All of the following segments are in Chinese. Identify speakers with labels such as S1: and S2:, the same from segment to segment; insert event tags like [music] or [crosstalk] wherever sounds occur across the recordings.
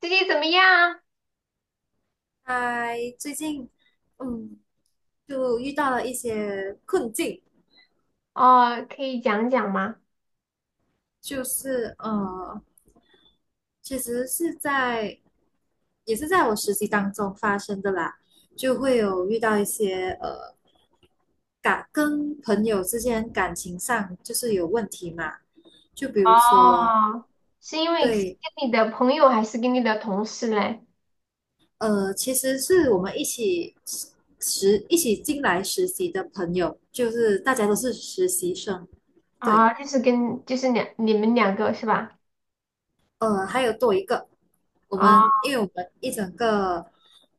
S1: 最近怎么样？
S2: 嗨，最近嗯，就遇到了一些困境。
S1: 哦，可以讲讲吗？
S2: 就是其实也是在我实习当中发生的啦。就会有遇到一些跟朋友之间感情上就是有问题嘛，就比如说。
S1: 哦，是因为是
S2: 对，
S1: 跟你的朋友还是跟你的同事嘞？
S2: 其实是我们一起一起进来实习的朋友，就是大家都是实习生。对。
S1: 啊、就是跟就是两你们两个是吧？
S2: 还有多一个。
S1: 哦
S2: 因为我们一整个，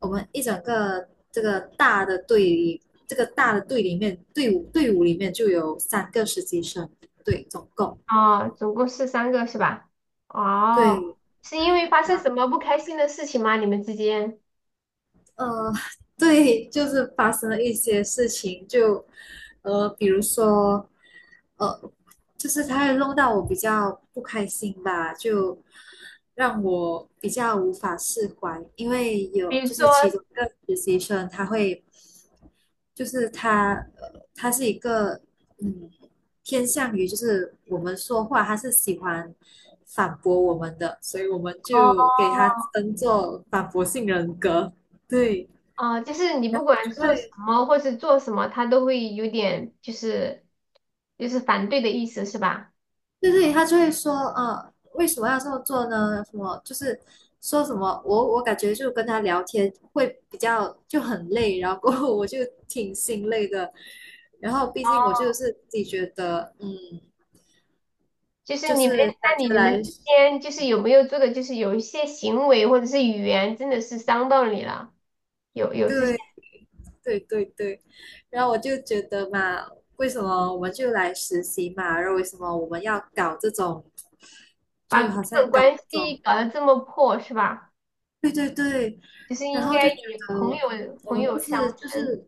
S2: 我们一整个这个大的队里，这个大的队里面，队伍里面就有3个实习生。对，总共。
S1: 哦，总共是三个是吧？哦，
S2: 对。
S1: 是因为发生
S2: 然
S1: 什
S2: 后
S1: 么不开心的事情吗？你们之间，
S2: 呃，[laughs] 对，就是发生了一些事情。就比如说，呃，就是他会弄到我比较不开心吧，就让我比较无法释怀。因为
S1: 比如
S2: 就
S1: 说，
S2: 是其中一个实习生他会就是他，他是一个，嗯，偏向于就是我们说话，他是喜欢反驳我们的，所以我们
S1: 哦
S2: 就给他称作反驳性人格。对，
S1: 哦，就是你
S2: 然
S1: 不
S2: 后
S1: 管
S2: 就
S1: 做什
S2: 会。
S1: 么或是做什么，他都会有点就是反对的意思是吧？
S2: 对对，他就会说，为什么要这么做呢？什么就是说什么。我感觉就跟他聊天会比较就很累，然后过后我就挺心累的。然后毕竟我就是自己觉得，
S1: 就是
S2: 就
S1: 你们，
S2: 是感
S1: 那
S2: 觉
S1: 你们
S2: 来。
S1: 之间就是有没有做的，就是有一些行为或者是语言，真的是伤到你了？有这些，
S2: 对对对对，然后我就觉得嘛，为什么我们就来实习嘛？然后为什么我们要搞这种，
S1: 把
S2: 就
S1: 这
S2: 好像
S1: 种
S2: 搞
S1: 关
S2: 这
S1: 系
S2: 种。
S1: 搞得这么破，是吧？
S2: 对对对，
S1: 就是
S2: 然
S1: 应该
S2: 后就觉
S1: 以朋
S2: 得
S1: 友
S2: 我
S1: 朋
S2: 们不
S1: 友
S2: 是
S1: 相
S2: 就
S1: 称，
S2: 是。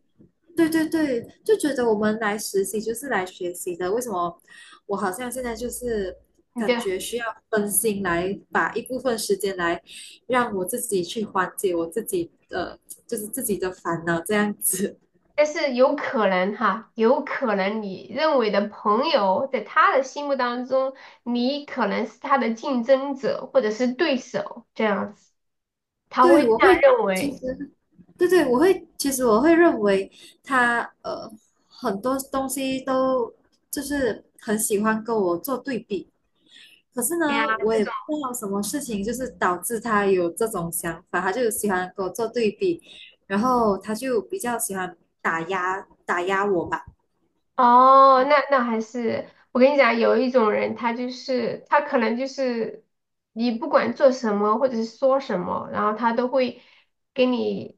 S2: 对对对，就觉得我们来实习就是来学习的。为什么我好像现在就是
S1: 你
S2: 感
S1: 的，
S2: 觉需要分心来把一部分时间来让我自己去缓解我自己的，就是自己的烦恼这样子。
S1: 但是有可能哈，有可能你认为的朋友，在他的心目当中，你可能是他的竞争者或者是对手，这样子，他会
S2: 对，
S1: 这
S2: 我
S1: 样
S2: 会
S1: 认
S2: 其
S1: 为。
S2: 实。对对，我会其实我会认为他很多东西都就是很喜欢跟我做对比。可是
S1: 对呀，
S2: 呢，我
S1: 这
S2: 也
S1: 种。
S2: 不知道什么事情就是导致他有这种想法，他就喜欢跟我做对比。然后他就比较喜欢打压我吧。
S1: 哦，那还是我跟你讲，有一种人，他就是他可能就是你不管做什么或者是说什么，然后他都会跟你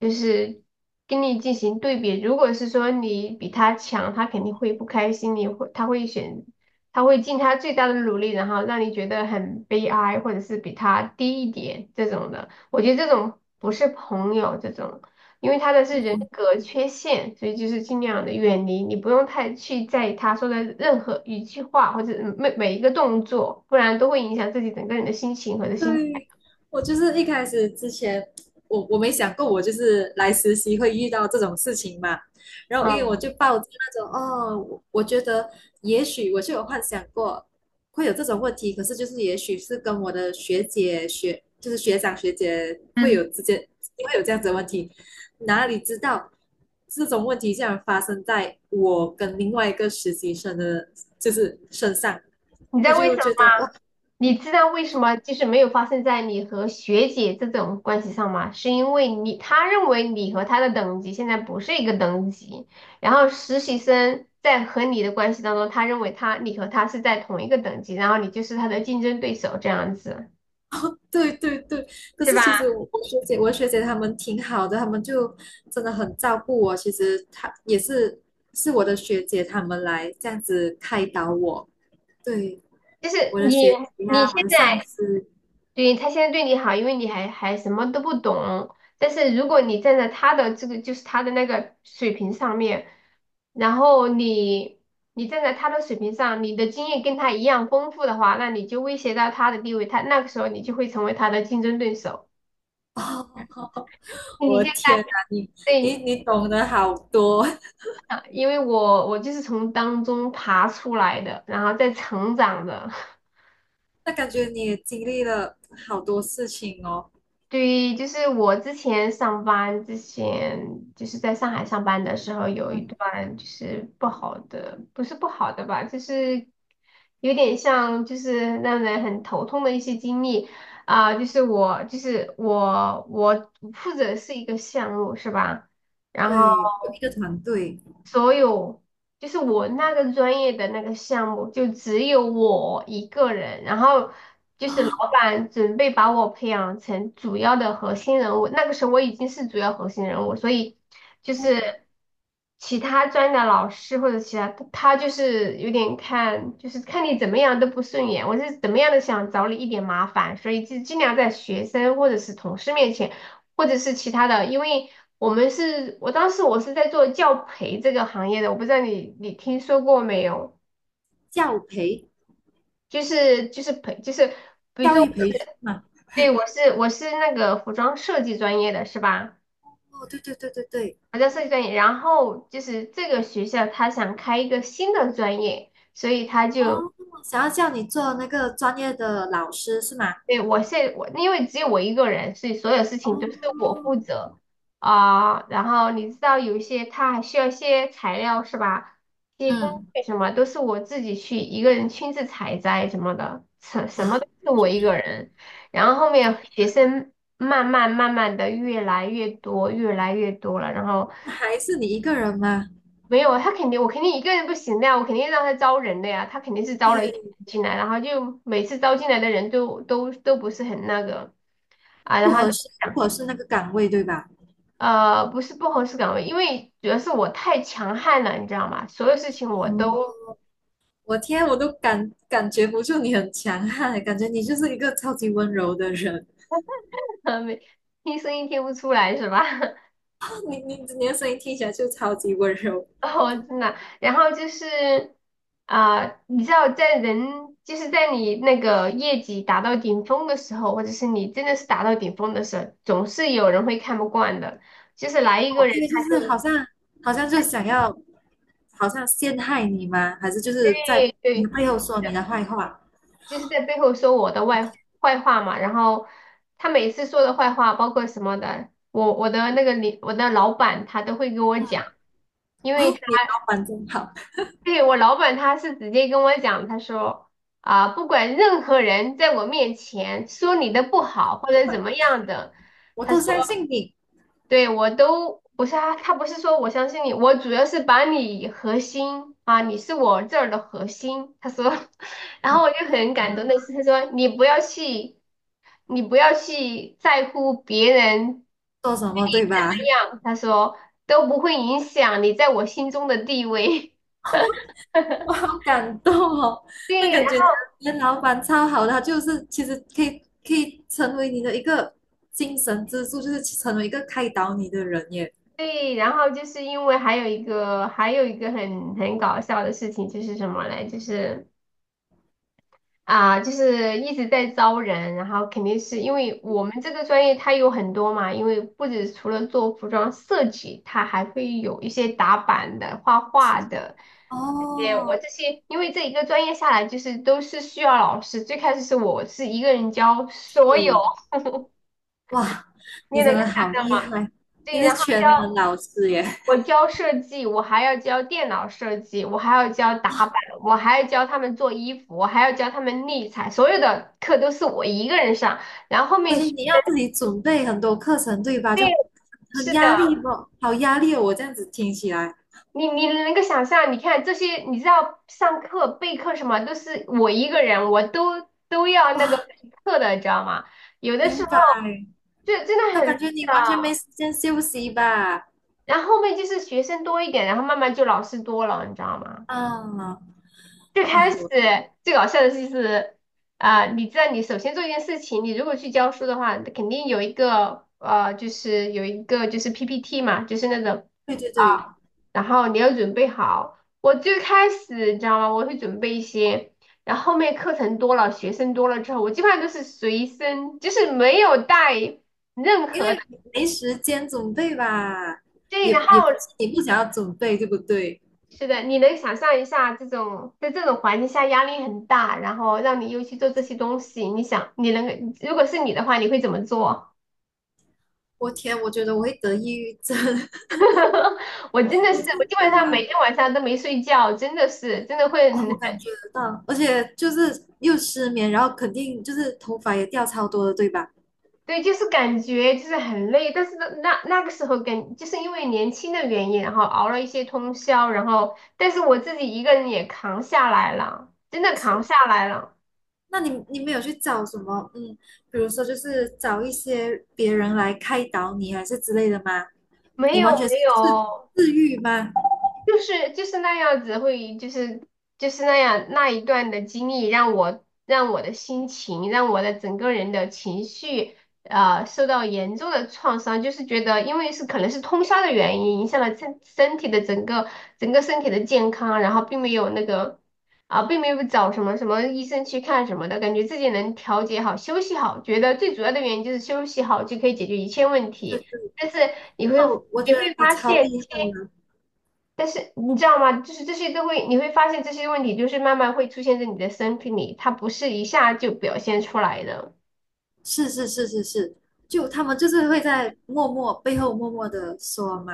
S1: 就是跟你进行对比。如果是说你比他强，他肯定会不开心，他会他会尽他最大的努力，然后让你觉得很悲哀，或者是比他低一点这种的。我觉得这种不是朋友，这种。因为他的是人
S2: 嗯。
S1: 格缺陷，所以就是尽量的远离，你不用太去在意他说的任何一句话或者每一个动作，不然都会影响自己整个人的心情和的心态。
S2: 对，我就是一开始之前，我没想过我就是来实习会遇到这种事情嘛。然后因为我
S1: 嗯，
S2: 就抱着那种哦，我觉得也许我就有幻想过会有这种问题。可是就是也许是跟我的学姐学就是学长学姐会
S1: 嗯，
S2: 有之间会有这样子的问题。哪里知道这种问题竟然发生在我跟另外一个实习生的，就是身上。
S1: 你
S2: 我
S1: 在为什
S2: 就
S1: 么？
S2: 觉得哇。
S1: 你知道为什么就是没有发生在你和学姐这种关系上吗？是因为他认为你和他的等级现在不是一个等级，然后实习生在和你的关系当中，他认为你和他是在同一个等级，然后你就是他的竞争对手这样子，
S2: 对对对，可
S1: 是
S2: 是
S1: 吧？
S2: 其实我学姐她们挺好的，她们就真的很照顾我。其实她也是我的学姐，她们来这样子开导我。对，
S1: 就是
S2: 我的
S1: 你
S2: 学姐
S1: 你
S2: 呀、我
S1: 现
S2: 的上
S1: 在
S2: 司。
S1: 现在对你好，因为你还什么都不懂。但是如果你站在他的这个他的那个水平上面，然后你站在他的水平上，你的经验跟他一样丰富的话，那你就威胁到他的地位，那个时候你就会成为他的竞争对手。
S2: 哦，
S1: 你
S2: 我
S1: 现
S2: 的天哪，
S1: 在
S2: 你你
S1: 对，
S2: 你懂得好多。
S1: 因为我就是从当中爬出来的，然后再成长的。
S2: [laughs] 那感觉你也经历了好多事情哦。
S1: 对，就是我之前上班之前，就是在上海上班的时候，有
S2: 嗯，
S1: 一段就是不好的，不是不好的吧，就是有点像就是让人很头痛的一些经历。我负责是一个项目是吧？然后
S2: 对，有一个团队
S1: 所有就是我那个专业的那个项目，就只有我一个人，然后就是
S2: 啊。
S1: 老板准备把我培养成主要的核心人物。那个时候我已经是主要核心人物，所以就
S2: 哦，
S1: 是其他专业的老师或者其他他就是有点看，就是看你怎么样都不顺眼，我是怎么样的想找你一点麻烦，所以就尽量在学生或者是同事面前。或者是其他的，因为我们是，我当时我是在做教培这个行业的，我不知道你听说过没有？
S2: 教培，
S1: 就是培，
S2: 教育培训嘛。
S1: 对，我是那个服装设计专业的是吧？
S2: 哦，对对对对对。
S1: 服装设计专业，然后就是这个学校他想开一个新的专业，所以他就
S2: 哦，想要叫你做那个专业的老师是吗？
S1: 对，我因为只有我一个人，所以所有事情
S2: 哦，
S1: 都是我负责。然后你知道有一些他还需要一些材料是吧？一些工
S2: 嗯，
S1: 具什么都是我自己去一个人亲自采摘什么的，什么
S2: 哇，
S1: 都是我一个人。然后后面学生慢慢的越来越多，越来越多了。然后
S2: 那还是你一个人吗？
S1: 没有他肯定我肯定一个人不行的呀，我肯定让他招人的呀，他肯定是招了一
S2: 对，
S1: 进来，然后就每次招进来的人都不是很那个。啊，然
S2: 不
S1: 后
S2: 合适，不合适那个岗位，对吧？
S1: 不是不合适岗位，因为主要是我太强悍了，你知道吗？所有事情我
S2: 哦，
S1: 都
S2: 我天，我都感觉不住你很强悍，感觉你就是一个超级温柔的人。
S1: [laughs] 没听声音听不出来，是吧？[laughs]
S2: 哦，你的声音听起来就超级温柔。
S1: 哦，真的。然后就是你知道，就是在你那个业绩达到顶峰的时候，或者是你真的是达到顶峰的时候，总是有人会看不惯的，就是来一
S2: 哦，
S1: 个人
S2: 因为就
S1: 他
S2: 是
S1: 就
S2: 好像就想要，好像陷害你吗？还是就是在
S1: 对
S2: 你的
S1: 对。
S2: 背后说你的坏话？
S1: 就是在背后说我的外坏话嘛。然后他每次说的坏话，包括什么的，我的那个我的老板他都会跟我
S2: 嗯，
S1: 讲，因
S2: 哦，
S1: 为他
S2: 你老板真好。
S1: 对我老板他是直接跟我讲，他说啊，不管任何人在我面前说你的不好或者怎么样的，
S2: 我
S1: 他
S2: 都
S1: 说。
S2: 相信你
S1: 对，我都不是啊，他不是说我相信你，我主要是把你核心啊，你是我这儿的核心。他说，[laughs] 然后我就很感动那是，他说你不要去，你不要去在乎别人对
S2: 做什
S1: 你
S2: 么，对
S1: 怎
S2: 吧？
S1: 么
S2: [laughs]
S1: 样，他说都不会影响你在我心中的地位。
S2: 我
S1: [laughs]
S2: 好感动哦。那
S1: 对，
S2: 感
S1: 然
S2: 觉
S1: 后
S2: 你的老板超好的，他就是其实可以成为你的一个精神支柱，就是成为一个开导你的人耶。
S1: 对，然后就是因为还有一个很搞笑的事情，就是什么嘞？就是。啊，就是一直在招人，然后肯定是因为我们这个专业它有很多嘛，因为不止除了做服装设计，它还会有一些打板的、画画的。
S2: 哦，
S1: 这些，因为这一个专业下来，就是都是需要老师。最开始是我是一个人教所有，
S2: 是，哇，你
S1: 你
S2: 真
S1: 能够
S2: 的
S1: 想
S2: 好
S1: 象
S2: 厉
S1: 吗？
S2: 害，你
S1: 对，
S2: 是
S1: 然后
S2: 全能老师耶。
S1: 我教设计，我还要教电脑设计，我还要教打板，我还要教他们做衣服，我还要教他们立裁，所有的课都是我一个人上。然后后
S2: [laughs] 而
S1: 面
S2: 且
S1: 学
S2: 你要自己准备很多课程，对吧？
S1: 对，
S2: 就很
S1: 是的，
S2: 压力不？好压力哦，我这样子听起来。
S1: 你能够想象，你看这些，你知道上课备课什么都是我一个人，我都都要那个备
S2: 哇，
S1: 课的，你知道吗？有的
S2: 明
S1: 时候
S2: 白。
S1: 就真的
S2: 那
S1: 很累
S2: 感觉你完全没
S1: 的，
S2: 时间休息吧？
S1: 然后后面就是学生多一点，然后慢慢就老师多了，你知道吗？
S2: 啊，
S1: 最开
S2: 哇，
S1: 始
S2: 我
S1: 最搞笑的就是你知道，你首先做一件事情，你如果去教书的话，肯定有一个就是有一个就是 PPT 嘛，就是那种
S2: 对对对，
S1: 啊，然后你要准备好。我最开始你知道吗？我会准备一些，然后后面课程多了，学生多了之后，我基本上都是随身，就是没有带任
S2: 因
S1: 何
S2: 为没时间准备吧，
S1: 对，然
S2: 也
S1: 后
S2: 也不是你不想要准备，对不对？
S1: 是的，你能想象一下这种在这种环境下压力很大，然后让你又去做这些东西，你想你能如果是你的话，你会怎么做？
S2: 我天，我觉得我会得抑郁症。[laughs]
S1: [laughs] 我真的
S2: 我
S1: 是，
S2: 真
S1: 我基本上每
S2: 的。
S1: 天晚上都没睡觉，真的是真的会
S2: 哦，
S1: 很
S2: 我感觉得到，而且就是又失眠，然后肯定就是头发也掉超多的，对吧？
S1: 对，就是感觉就是很累，但是那个时候跟就是因为年轻的原因，然后熬了一些通宵，然后但是我自己一个人也扛下来了，真的扛下来了，
S2: 那你没有去找什么，比如说就是找一些别人来开导你，还是之类的吗？
S1: 没
S2: 你
S1: 有
S2: 完全是
S1: 没
S2: 自
S1: 有。
S2: 自愈吗？
S1: 就是就是那样子会，就是就是那样那一段的经历，让我的心情，让我的整个人的情绪，受到严重的创伤。就是觉得，因为是可能是通宵的原因，影响了身体的整个整个身体的健康，然后并没有那个并没有找什么医生去看什么的，感觉自己能调节好，休息好，觉得最主要的原因就是休息好就可以解决一切问
S2: 对对
S1: 题。
S2: 对，
S1: 但是你会
S2: 那我觉
S1: 你
S2: 得
S1: 会
S2: 你
S1: 发
S2: 超
S1: 现。
S2: 厉害的。
S1: 但是你知道吗？就是这些都会，你会发现这些问题就是慢慢会出现在你的身体里，它不是一下就表现出来的。
S2: 是是是是是，就他们就是会在默默背后默默的说嘛。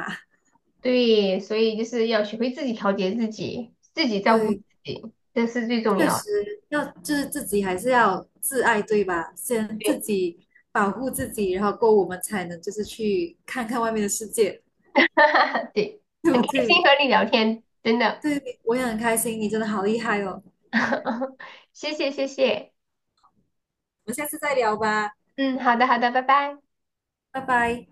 S1: 对，所以就是要学会自己调节自己，自己照顾自
S2: 对，
S1: 己，这是最重
S2: 确
S1: 要的。
S2: 实要就是自己还是要自爱，对吧？先自
S1: 对，
S2: 己保护自己，然后够我们才能就是去看看外面的世界，
S1: [laughs] 对，
S2: 对不
S1: 很开心
S2: 对？
S1: 和你聊天，真的，
S2: 对，我也很开心，你真的好厉害哦。我
S1: [laughs] 谢谢谢谢。
S2: 们下次再聊吧。
S1: 嗯，好的好的，拜拜。
S2: 拜拜。